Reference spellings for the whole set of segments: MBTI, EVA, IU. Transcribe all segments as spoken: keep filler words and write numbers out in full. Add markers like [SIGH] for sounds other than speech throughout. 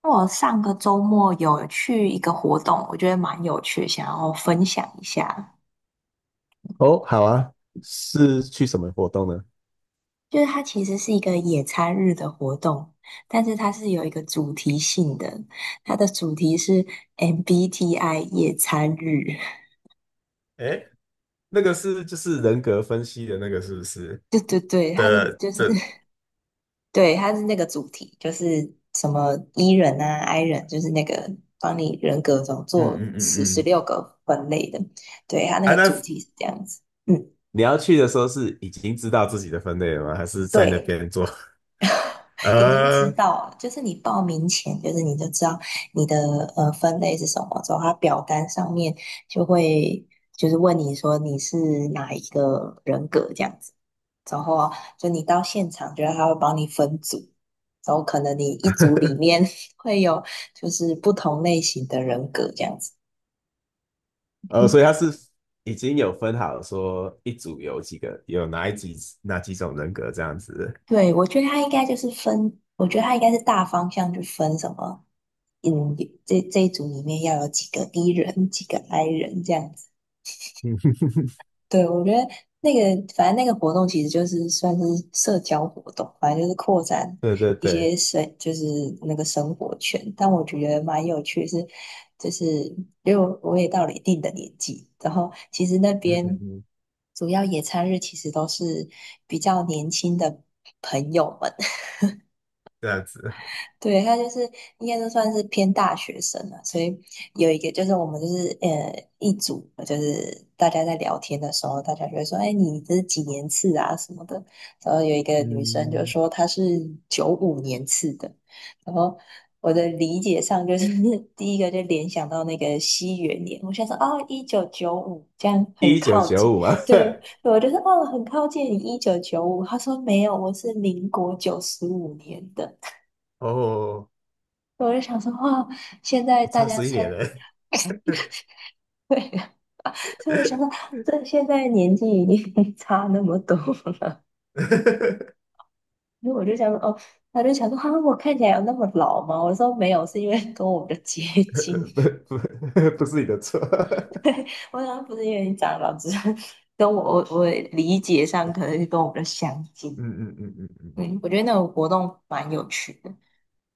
我上个周末有去一个活动，我觉得蛮有趣，想要分享一下。哦，好啊，是去什么活动呢？就是它其实是一个野餐日的活动，但是它是有一个主题性的，它的主题是 M B T I 野餐日。哎，那个是就是人格分析的那个是不是 [LAUGHS] 对对对，它是的？就是 这嗯 [LAUGHS] 对，它是那个主题，就是什么 E 人啊、I 人，就是那个帮你人格总嗯做嗯十十嗯，六个分类的。对，它那啊，个那主题是这样子。嗯，你要去的时候是已经知道自己的分类了吗？还是在那对。边做？[LAUGHS] 已经知呃，道了，就是你报名前，就是你就知道你的呃分类是什么之后，它表单上面就会就是问你说你是哪一个人格这样子，然后啊就你到现场，觉得他会帮你分组，然后可能你一组里面 [LAUGHS] 会有就是不同类型的人格这样子。呃，所以他是已经有分好说一组有几个，有哪一几哪几种人格这样子。对，我觉得他应该就是分，我觉得他应该是大方向去分什么，嗯，这这一组里面要有几个 E 人，[LAUGHS] 几个 I 人这样子。嗯 对，我觉得那个反正那个活动其实就是算是社交活动，反正就是扩展 [LAUGHS]，对对一对 些 [LAUGHS]，生，就是那个生活圈。但我觉得蛮有趣的是，就是因为我我也到了一定的年纪，然后其实那嗯嗯边嗯，主要野餐日其实都是比较年轻的朋友们。这样子，对，他就是应该都算是偏大学生了，所以有一个就是我们就是呃一组，就是大家在聊天的时候，大家就会说，哎，你这是几年次啊什么的。然后有一个女生就嗯，说她是九五年次的，然后我的理解上就是 [LAUGHS] 第一个就联想到那个西元年，我想说啊，一九九五这样很一九靠九近，五啊，对，我就说哦很靠近你一九九五，她说没有，我是民国九十五年的。[LAUGHS] 哦，我就想说，哇，现在我大差家十一参，年了，[LAUGHS] [LAUGHS] 对，所以我 [LAUGHS] 想说，这现在年纪已经 [LAUGHS] 差那么多，[LAUGHS] 所以我就想说，哦，他就想说，哈、我看起来有那么老吗？我说没有，是因为 [LAUGHS] 跟我们的接近，不不 [LAUGHS] 不是你的错，[LAUGHS] 对，我想不是因为你长老，只是跟我我我理解上可能是跟我们的相 [LAUGHS] 近。嗯嗯嗯嗯嗯，嗯，我觉得那种活动蛮有趣的。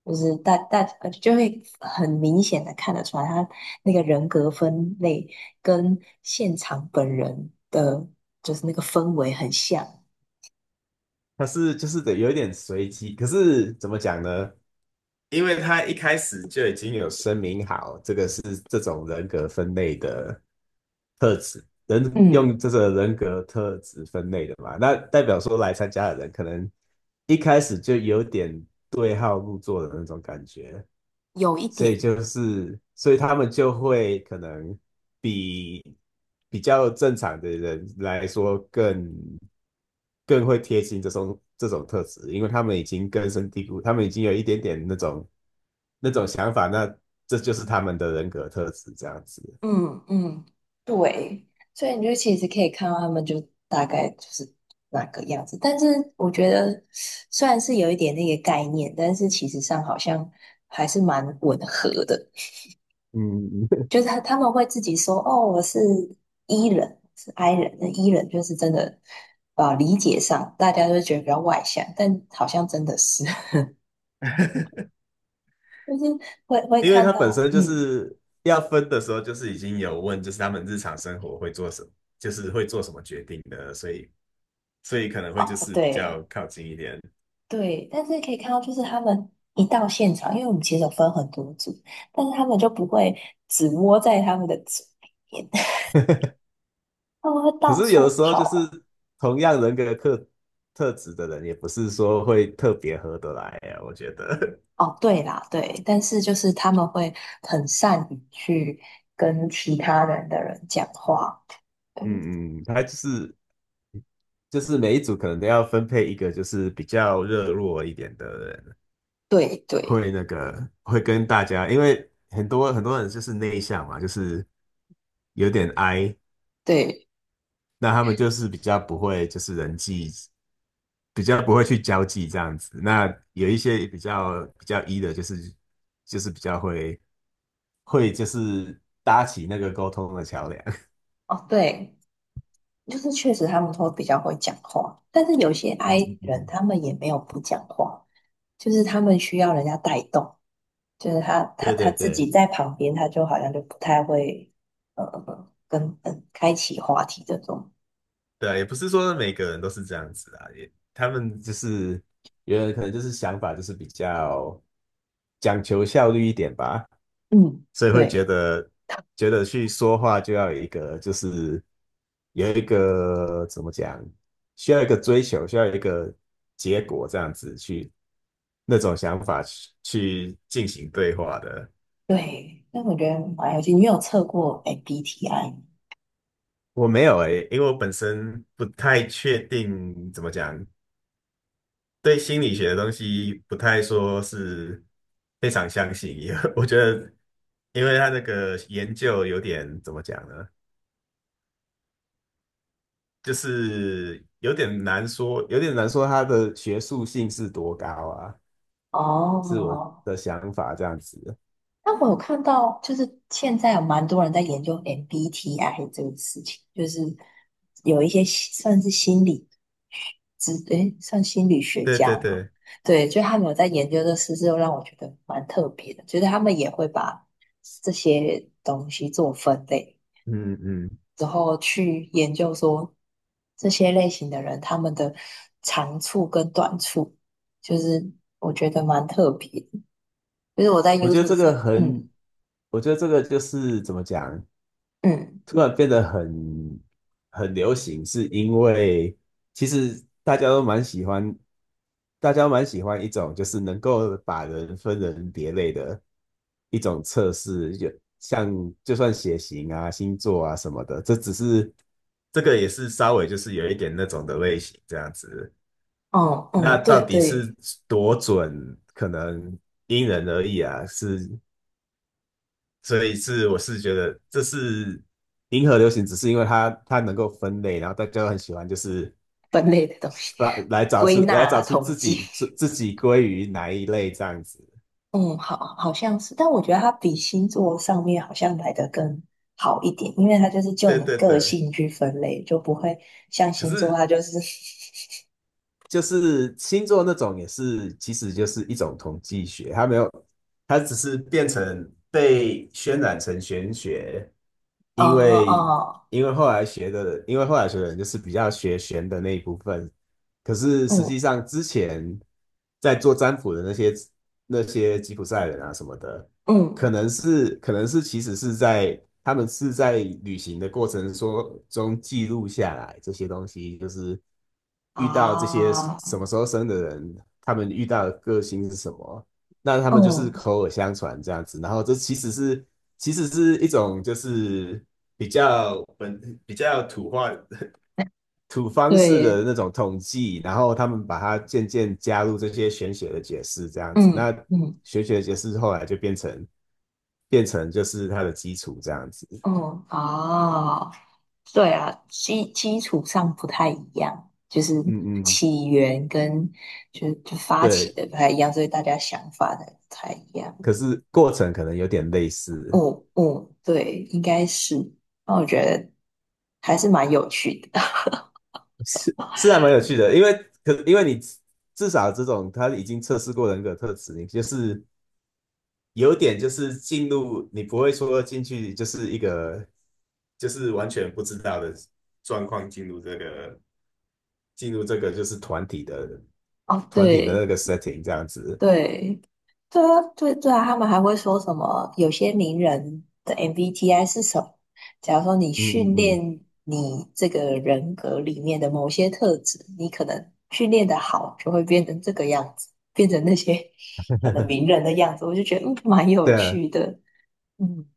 就是大大呃就会很明显的看得出来，他那个人格分类跟现场本人的，就是那个氛围很像，它是就是得有点随机，可是怎么讲呢？因为他一开始就已经有声明好，这个是这种人格分类的特质，人嗯，用这个人格特质分类的嘛，那代表说来参加的人可能一开始就有点对号入座的那种感觉，有一所以点，就是，所以他们就会可能比比较正常的人来说更更会贴近这种这种特质，因为他们已经根深蒂固，他们已经有一点点那种那种想法，那这就是他们的人格特质这样子。嗯嗯，对，所以你就其实可以看到他们就大概就是那个样子，但是我觉得虽然是有一点那个概念，但是其实上好像还是蛮吻合的。嗯，就是他他们会自己说，哦，我是 E 人，是 I 人。那 E 人就是真的，啊，理解上大家都觉得比较外向，但好像真的是，[LAUGHS] [LAUGHS] 就是会会因为看他本到，身就嗯，是要分的时候，就是已经有问，就是他们日常生活会做什么，就是会做什么决定的，所以所以可能会就哦，是比对较靠近一点。对，但是可以看到，就是他们一到现场，因为我们其实有分很多组，但是他们就不会只窝在他们的组里面，[LAUGHS] [LAUGHS] 他们会可到是有处的时候就是跑。同样人格特特质的人，也不是说会特别合得来呀、啊我觉得，哦，对啦，对，但是就是他们会很善于去跟其他人的人讲话。[LAUGHS] 嗯，嗯嗯，他就是就是每一组可能都要分配一个就是比较热络一点的人，对对会那个会跟大家，因为很多很多人就是内向嘛，就是有点 I，对，那他们就是比较不会就是人际。比较不会去交际这样子，那有一些比较比较 E 的，就是就是比较会会就是搭起那个沟通的桥梁。[LAUGHS] 哦，对，就是确实他们会比较会讲话，但是有些 嗯嗯 I 人嗯，他们也没有不讲话，就是他们需要人家带动，就是他他对他对自对，己在旁边，他就好像就不太会呃呃跟嗯开启话题这种。对啊也不是说每个人都是这样子啊，也他们就是有人可能就是想法就是比较讲求效率一点吧，嗯，所以会觉对。得觉得去说话就要有一个就是有一个怎么讲，需要一个追求，需要一个结果这样子去那种想法去去进行对话的。对，那我觉得玩有趣。你有测过 M B T I 我没有诶，因为我本身不太确定怎么讲，对心理学的东西不太说是非常相信，因为 [LAUGHS] 我觉得，因为他那个研究有点怎么讲呢，就是有点难说，有点难说他的学术性是多高啊，是我哦，的想法这样子。但我有看到，就是现在有蛮多人在研究 M B T I 这个事情，就是有一些心算是心理之，诶，算心理学对家对嘛，对，对，就他们有在研究这事，就让我觉得蛮特别的，觉得他们也会把这些东西做分类，嗯嗯，然后去研究说这些类型的人他们的长处跟短处，就是我觉得蛮特别的，就是我在 我觉得 YouTube 这个上，嗯很，我觉得这个就是怎么讲。嗯。突然变得很很流行，是因为其实大家都蛮喜欢，大家都蛮喜欢一种就是能够把人分人别类的一种测试，就像就算血型啊、星座啊什么的，这只是这个也是稍微就是有一点那种的类型这样子。嗯那嗯，对到底是对，多准，可能因人而异啊，是所以是我是觉得这是银河流行，只是因为它它能够分类，然后大家都很喜欢，就是分类的东西，发来找归出纳来找啊，出统自计，己自自己归于哪一类这样子。嗯，好，好像是，但我觉得它比星座上面好像来的更好一点，因为它就是就对你对个对，性去分类，就不会像可星座是它就是就是星座那种也是，其实就是一种统计学，它没有，它只是变成被渲染成玄学，啊因啊 为因为后来学的，因为后来学的人就是比较学玄的那一部分，可 [LAUGHS]，是实际嗯上之前在做占卜的那些那些吉普赛人啊什么的，可嗯能是可能是其实是在他们是在旅行的过程说中记录下来这些东西，就是遇到这些啊，什么时候生的人，他们遇到的个性是什么，那他们就是嗯，口耳相传这样子，然后这其实是其实是一种就是比较本比较土话 [LAUGHS] 土方式的对，那种统计，然后他们把它渐渐加入这些玄学的解释这样子，那嗯嗯。玄学的解释后来就变成。变成就是它的基础这样子。哦，哦，对啊，基基础上不太一样，就是嗯嗯，起源跟就就发起对，的不太一样，所以大家想法的不太一样。可是过程可能有点类似，嗯嗯，对，应该是。那我觉得还是蛮有趣的。是是还蛮有趣的，因为可因为你至少这种他已经测试过人格特质，你就是有点就是进入，你不会说进去就是一个就是完全不知道的状况进入这个进入这个就是团体的 [LAUGHS] 哦，团体的那对，个 setting 这样子，对，对啊，对对啊，他们还会说什么？有些名人的 M B T I 是什么？假如说你嗯嗯训嗯，练你这个人格里面的某些特质，你可能训练的好，就会变成这个样子，变成那些可能名人的样子。我就觉得嗯，蛮有对啊，趣的。嗯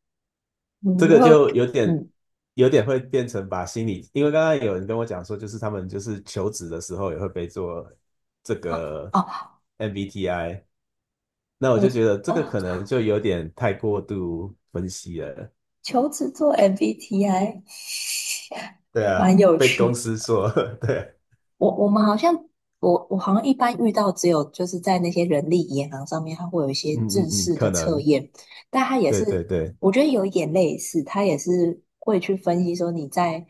这嗯，个我就有点嗯有点会变成把心理，因为刚刚有人跟我讲说，就是他们就是求职的时候也会被做这啊个 啊，M B T I，那我我就觉得这个哦，可能就有点太过度分析了。求职做 M B T I 对 [LAUGHS] 啊，蛮有被趣公司的。说，[LAUGHS] 对，我我们好像，我我好像一般遇到只有就是在那些人力银行上面，它会有一些嗯嗯制嗯，式的可测能，验，但它也对是对对，我觉得有一点类似，它也是会去分析说你在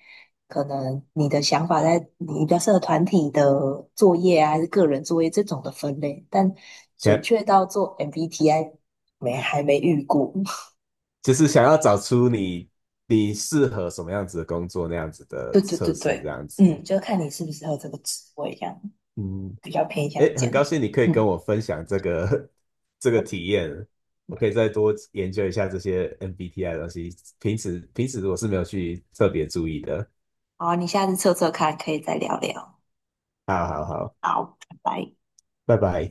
可能你的想法在你比较适合团体的作业啊，还是个人作业这种的分类，但准想确到做 M B T I 没还没遇过。[LAUGHS] 就是想要找出你你适合什么样子的工作那样子的对对测对试这对，样子，嗯，就看你适不适合这个职位，这样嗯。比较偏向诶，这很样。高兴你可以跟嗯我分享这个 [LAUGHS] 这个体验，我可以再多研究一下这些 M B T I 的东西，平时平时我是没有去特别注意的。好，你下次测测看，可以再聊聊。好好好，好，拜拜。拜拜。